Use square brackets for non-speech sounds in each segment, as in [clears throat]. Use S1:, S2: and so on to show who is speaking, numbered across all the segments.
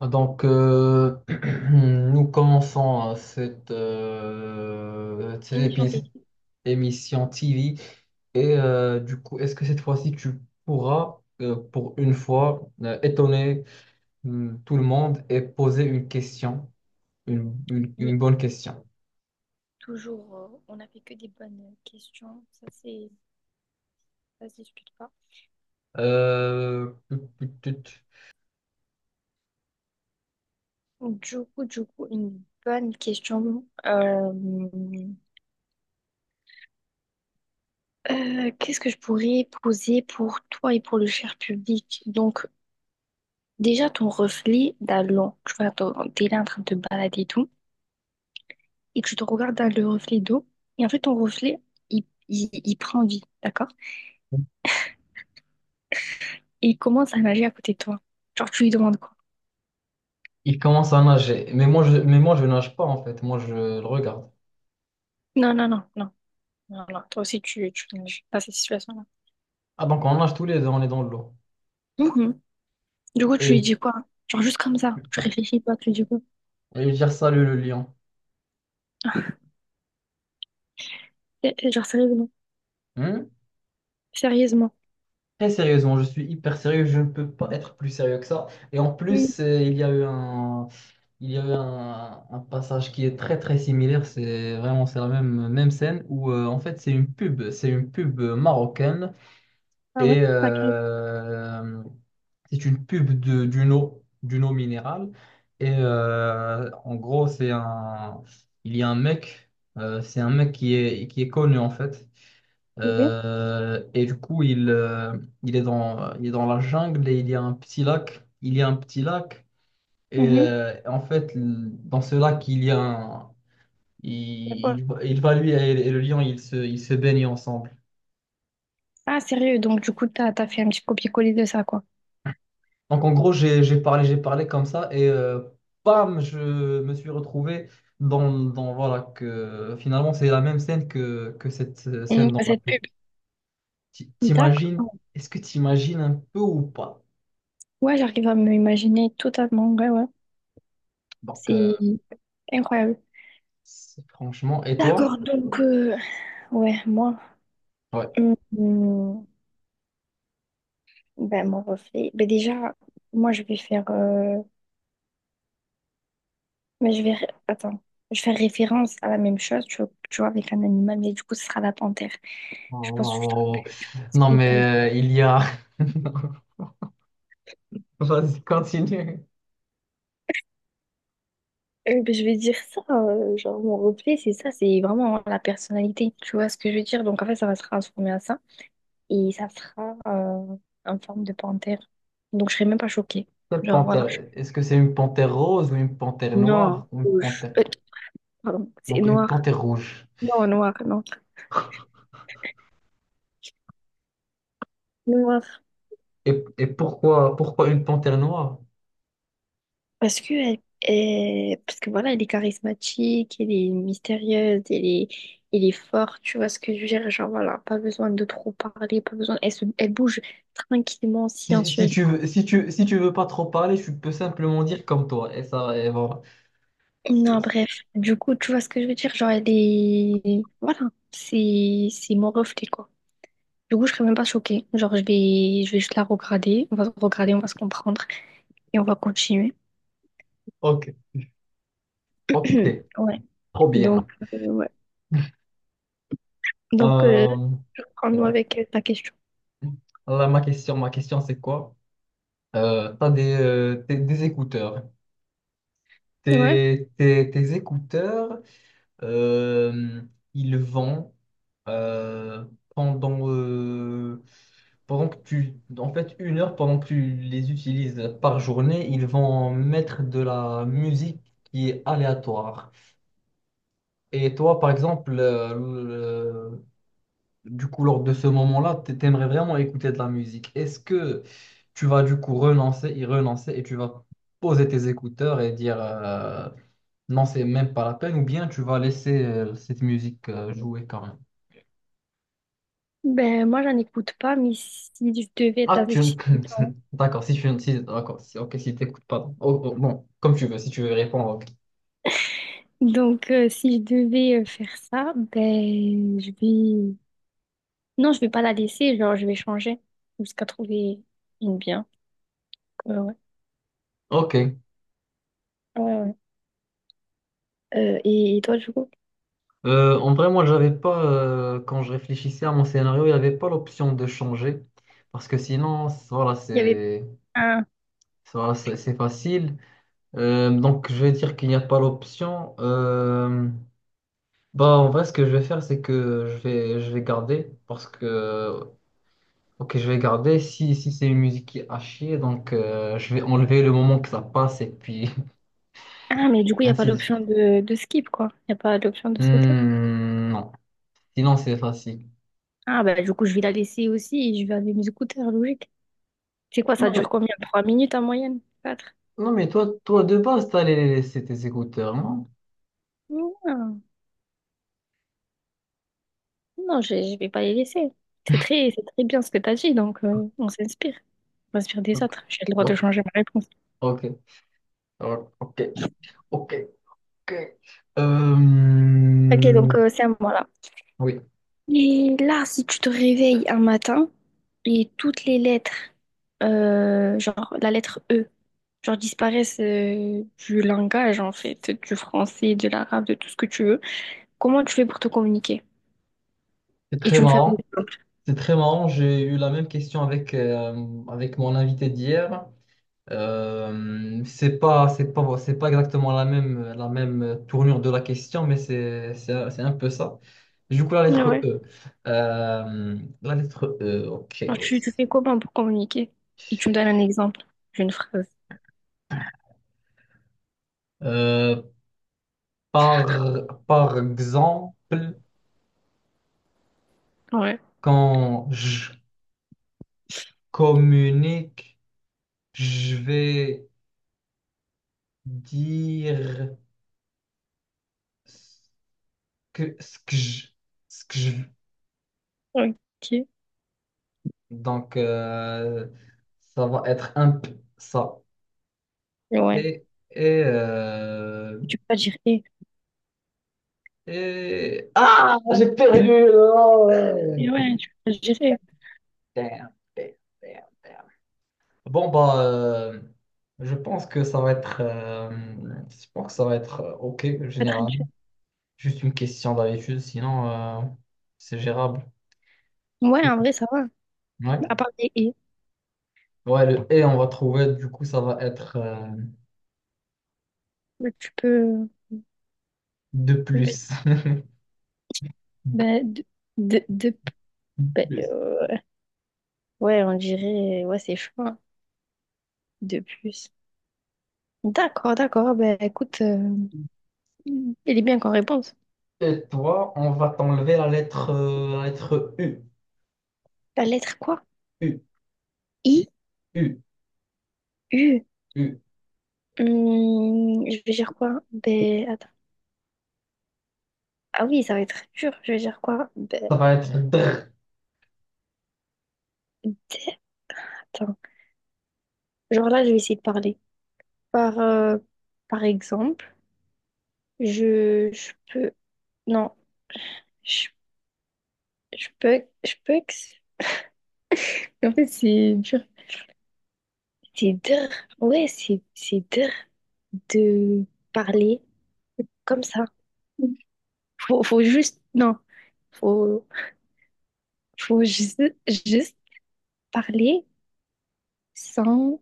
S1: Donc, [clears throat] nous commençons
S2: Émission
S1: cette
S2: télé.
S1: émission TV. Et du coup, est-ce que cette fois-ci, tu pourras, pour une fois, étonner tout le monde et poser une question,
S2: Et
S1: une bonne question?
S2: toujours, on n'a fait que des bonnes questions. Ça, c'est, ça se discute pas.
S1: Euh, tut, tut, tut.
S2: Du coup, une bonne question. Qu'est-ce que je pourrais poser pour toi et pour le cher public? Donc, déjà, ton reflet dans l'eau. Tu vois, t'es là en train de te balader et tout, et que tu te regardes dans le reflet d'eau. Et en fait, ton reflet, il prend vie, d'accord? Et il commence à nager à côté de toi. Genre, tu lui demandes quoi?
S1: Il commence à nager, mais moi, je nage pas en fait, moi, je le regarde.
S2: Non, non, non, non. Alors, toi aussi, tu connais pas cette situation-là.
S1: Ah, donc on nage tous les deux, on est dans l'eau.
S2: Mhm. Du coup, tu lui
S1: Et
S2: dis quoi? Genre, juste comme ça, tu réfléchis pas, tu lui dis quoi?
S1: Et dire salut le lion.
S2: Eh, eh, genre, sérieusement.
S1: Hmm.
S2: Sérieusement.
S1: Très sérieusement, je suis hyper sérieux, je ne peux pas être plus sérieux que ça. Et en
S2: Mhm.
S1: plus, il y a eu un passage qui est très très similaire. C'est la même scène où en fait c'est une pub marocaine
S2: Ah ouais?
S1: et
S2: Pas grave.
S1: c'est une pub d'une eau minérale. Et en gros, il y a un mec, c'est un mec qui est connu en fait.
S2: Oui.
S1: Et du coup, il est dans la jungle et il y a un petit lac. Il y a un petit lac. Et
S2: Mhm.
S1: en fait, dans ce lac, il y a un-
S2: C'est quoi?
S1: il va lui et le lion, ils se baignent ensemble.
S2: Ah, sérieux, donc du coup, t'as fait un petit copier-coller de ça, quoi.
S1: Donc en gros, j'ai parlé comme ça et bam, je me suis retrouvé dans voilà que finalement c'est la même scène que cette
S2: Mhm.
S1: scène dans la
S2: Cette
S1: pub.
S2: pub.
S1: T'imagines?
S2: D'accord.
S1: Est-ce que t'imagines un peu ou pas?
S2: Ouais, j'arrive à me imaginer totalement. Ouais, ouais.
S1: Donc
S2: C'est
S1: euh,
S2: incroyable.
S1: C'est- Franchement, et toi?
S2: D'accord, donc, ouais, moi,
S1: Ouais.
S2: hum, hum, ben, mon reflet. Ben, déjà, moi, je vais faire, mais je vais... attends. Je vais faire référence à la même chose, tu vois, avec un animal, mais du coup, ce sera la panthère.
S1: Oh,
S2: Je pense que je te
S1: oh.
S2: rappelle, tu vois, ce que
S1: Non,
S2: j'ai pas dit.
S1: mais il y a. [laughs] Vas-y, continue.
S2: Ben, je vais dire ça, genre, mon reflet, c'est ça, c'est vraiment la personnalité, tu vois ce que je veux dire. Donc, en fait, ça va se transformer à ça, et ça sera en forme de panthère. Donc, je serai même pas choquée.
S1: Quelle
S2: Genre, voilà.
S1: panthère? Est-ce que c'est une panthère rose ou une panthère
S2: Non,
S1: noire ou une
S2: rouge.
S1: panthère...
S2: Pardon, c'est
S1: Donc une
S2: noir.
S1: panthère rouge.
S2: Non, noir, non. Noir.
S1: Et pourquoi, pourquoi une panthère noire?
S2: Parce que, elle, parce que voilà, elle est charismatique, elle est mystérieuse, elle est forte, tu vois ce que je veux dire? Genre voilà, pas besoin de trop parler, pas besoin. Elle, elle bouge tranquillement,
S1: Si,
S2: silencieusement.
S1: si tu veux pas trop parler, tu peux simplement dire comme toi. Et ça, et voilà.
S2: Non,
S1: C'est-
S2: bref. Du coup, tu vois ce que je veux dire? Genre, elle est. Voilà, c'est mon reflet, quoi. Du coup, je serais même pas choquée. Genre, je vais juste la regarder. On va se regarder, on va se comprendre et on va continuer.
S1: Ok, ok,
S2: [clears throat] Ouais.
S1: trop
S2: Donc,
S1: bien.
S2: ouais. Donc,
S1: Euh,
S2: je prends nous
S1: ouais.
S2: avec ta question.
S1: Là, ma question, c'est quoi? Des écouteurs.
S2: Ouais.
S1: Tes écouteurs, euh, ils vont euh, pendant, euh, pendant que tu... En fait, une heure pendant que tu les utilises par journée, ils vont mettre de la musique qui est aléatoire. Et toi, par exemple, du coup, lors de ce moment-là, t'aimerais vraiment écouter de la musique. Est-ce que tu vas du coup renoncer, y renoncer et tu vas poser tes écouteurs et dire non, c'est même pas la peine ou bien tu vas laisser cette musique jouer quand même?
S2: Ben, moi, j'en écoute pas, mais si je devais être
S1: Ah,
S2: dans
S1: tu...
S2: cette situation-
S1: [laughs] D'accord, si tu... Si, d'accord, si, ok, si t'écoutes pas. Oh, oh, bon, comme tu veux, si tu veux répondre, ok.
S2: Donc, si je devais faire ça, ben, je vais... Non, je vais pas la laisser, genre, je vais changer jusqu'à trouver une bien. Ouais, ouais,
S1: Ok.
S2: ouais, ouais. Et toi, du coup?
S1: En vrai, moi, j'avais pas, quand je réfléchissais à mon scénario, il n'y avait pas l'option de changer parce que sinon, voilà,
S2: Il y avait
S1: c'est
S2: un...
S1: voilà, c'est facile. Donc, je vais dire qu'il n'y a pas l'option. Bah, en vrai, ce que je vais faire, c'est que je vais garder parce que, ok, je vais garder. Si, si c'est une musique qui est à chier, donc je vais enlever le moment que ça passe et puis
S2: Ah, mais du coup,
S1: [laughs]
S2: il n'y a pas
S1: ainsi de suite.
S2: l'option de skip, quoi. Il n'y a pas l'option de sauter.
S1: Hmm, non, sinon c'est facile.
S2: Ah, ben, du coup, je vais la laisser aussi et je vais aller mes écouteurs, logique. C'est quoi, ça
S1: Non,
S2: dure combien? Trois minutes en moyenne? Quatre?
S1: non, mais toi, toi de base, t'as les- c'est tes écouteurs, non?
S2: Ah. Non, je ne vais pas les laisser. C'est très bien ce que tu as dit, donc on s'inspire. On s'inspire des autres. J'ai le droit de
S1: Ok,
S2: changer ma réponse.
S1: ok, ok, ok. Ok.
S2: Ok,
S1: Euh,
S2: donc c'est à moi là.
S1: oui,
S2: Et là, si tu te réveilles un matin et toutes les lettres, genre la lettre E, genre disparaissent du langage en fait, du français, de l'arabe, de tout ce que tu veux, comment tu fais pour te communiquer?
S1: c'est
S2: Et
S1: très
S2: tu me fais un
S1: marrant.
S2: exemple.
S1: C'est très marrant, j'ai eu la même question avec, avec mon invité d'hier. C'est pas exactement la même tournure de la question, mais c'est un peu ça. Du coup, la lettre
S2: Ouais.
S1: E. La lettre E, ok.
S2: Alors tu fais comment pour communiquer? Et tu me donnes un exemple d'une phrase.
S1: Euh, par exemple,
S2: Ouais.
S1: quand je communique, je vais dire ce que, ce que je, ce que je,
S2: Ok.
S1: donc, ça va être un peu ça.
S2: Ouais.
S1: Et, et, euh,
S2: Tu peux pas dire et.
S1: et... Ah, j'ai perdu! Oh,
S2: Et
S1: ouais.
S2: ouais, tu peux pas dire.
S1: Damn, damn, damn. Bon, bah, je pense que ça va être... je pense que ça va être OK,
S2: Pas
S1: généralement.
S2: traduire.
S1: Juste une question d'habitude, sinon, c'est gérable.
S2: Ouais, en vrai, ça va.
S1: Ouais.
S2: À part des et,
S1: Ouais, le et on va trouver, du coup, ça va être
S2: mais tu peux.
S1: de plus. [laughs]
S2: Bah, de, de, de-
S1: De
S2: bah,
S1: plus.
S2: ouais, on dirait. Ouais, c'est chaud, hein, de plus. D'accord, d'accord. Ben écoute, elle est bien qu'en réponse.
S1: Et toi, on va t'enlever la lettre U.
S2: La lettre quoi?
S1: U,
S2: I,
S1: U,
S2: U.
S1: U.
S2: Je vais dire quoi? Ben attends. Ah oui, ça va être dur. Je vais dire quoi? Ben,
S1: Ça va être dr.
S2: D. Attends. Genre là, je vais essayer de parler. Par, par exemple. Je peux. Non, je, je peux. Je peux. Ex- En fait, c'est dur. C'est dur. Ouais, c'est dur de parler comme ça. Faut juste. Non. Faut, faut juste, juste parler sans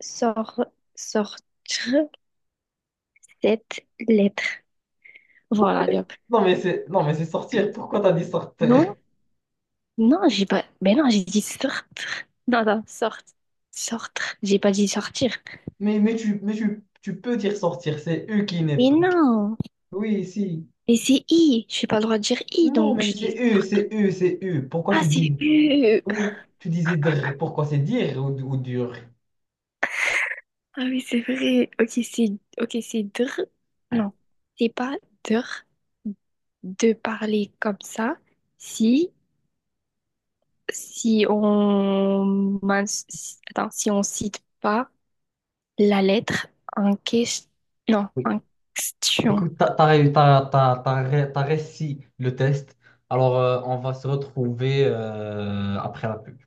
S2: sor- sortir cette lettre. Voilà, Léop.
S1: Non, non, mais c'est sortir. Pourquoi t'as dit sortir?
S2: Non, non, j'ai pas. Mais non, j'ai dit sortir. Non, non, sortir. Sortir. J'ai pas dit sortir.
S1: Mais, tu peux dire sortir. C'est U qui n'est
S2: Mais
S1: pas.
S2: non.
S1: Oui, si.
S2: Mais c'est I, j'ai pas le droit de dire I,
S1: Non,
S2: donc je dis.
S1: C'est U. Pourquoi
S2: Ah,
S1: tu
S2: c'est
S1: dis.
S2: U.
S1: Oui, tu disais dr. Pourquoi c'est dire ou dur?
S2: Ah oui, c'est vrai. Ok, c'est dr. Non, c'est pas dr de parler comme ça. Si on attends, si on cite pas la lettre en question. Non,
S1: Oui.
S2: en question.
S1: Écoute, t'as t'as réussi le test. Alors, on va se retrouver après la pub.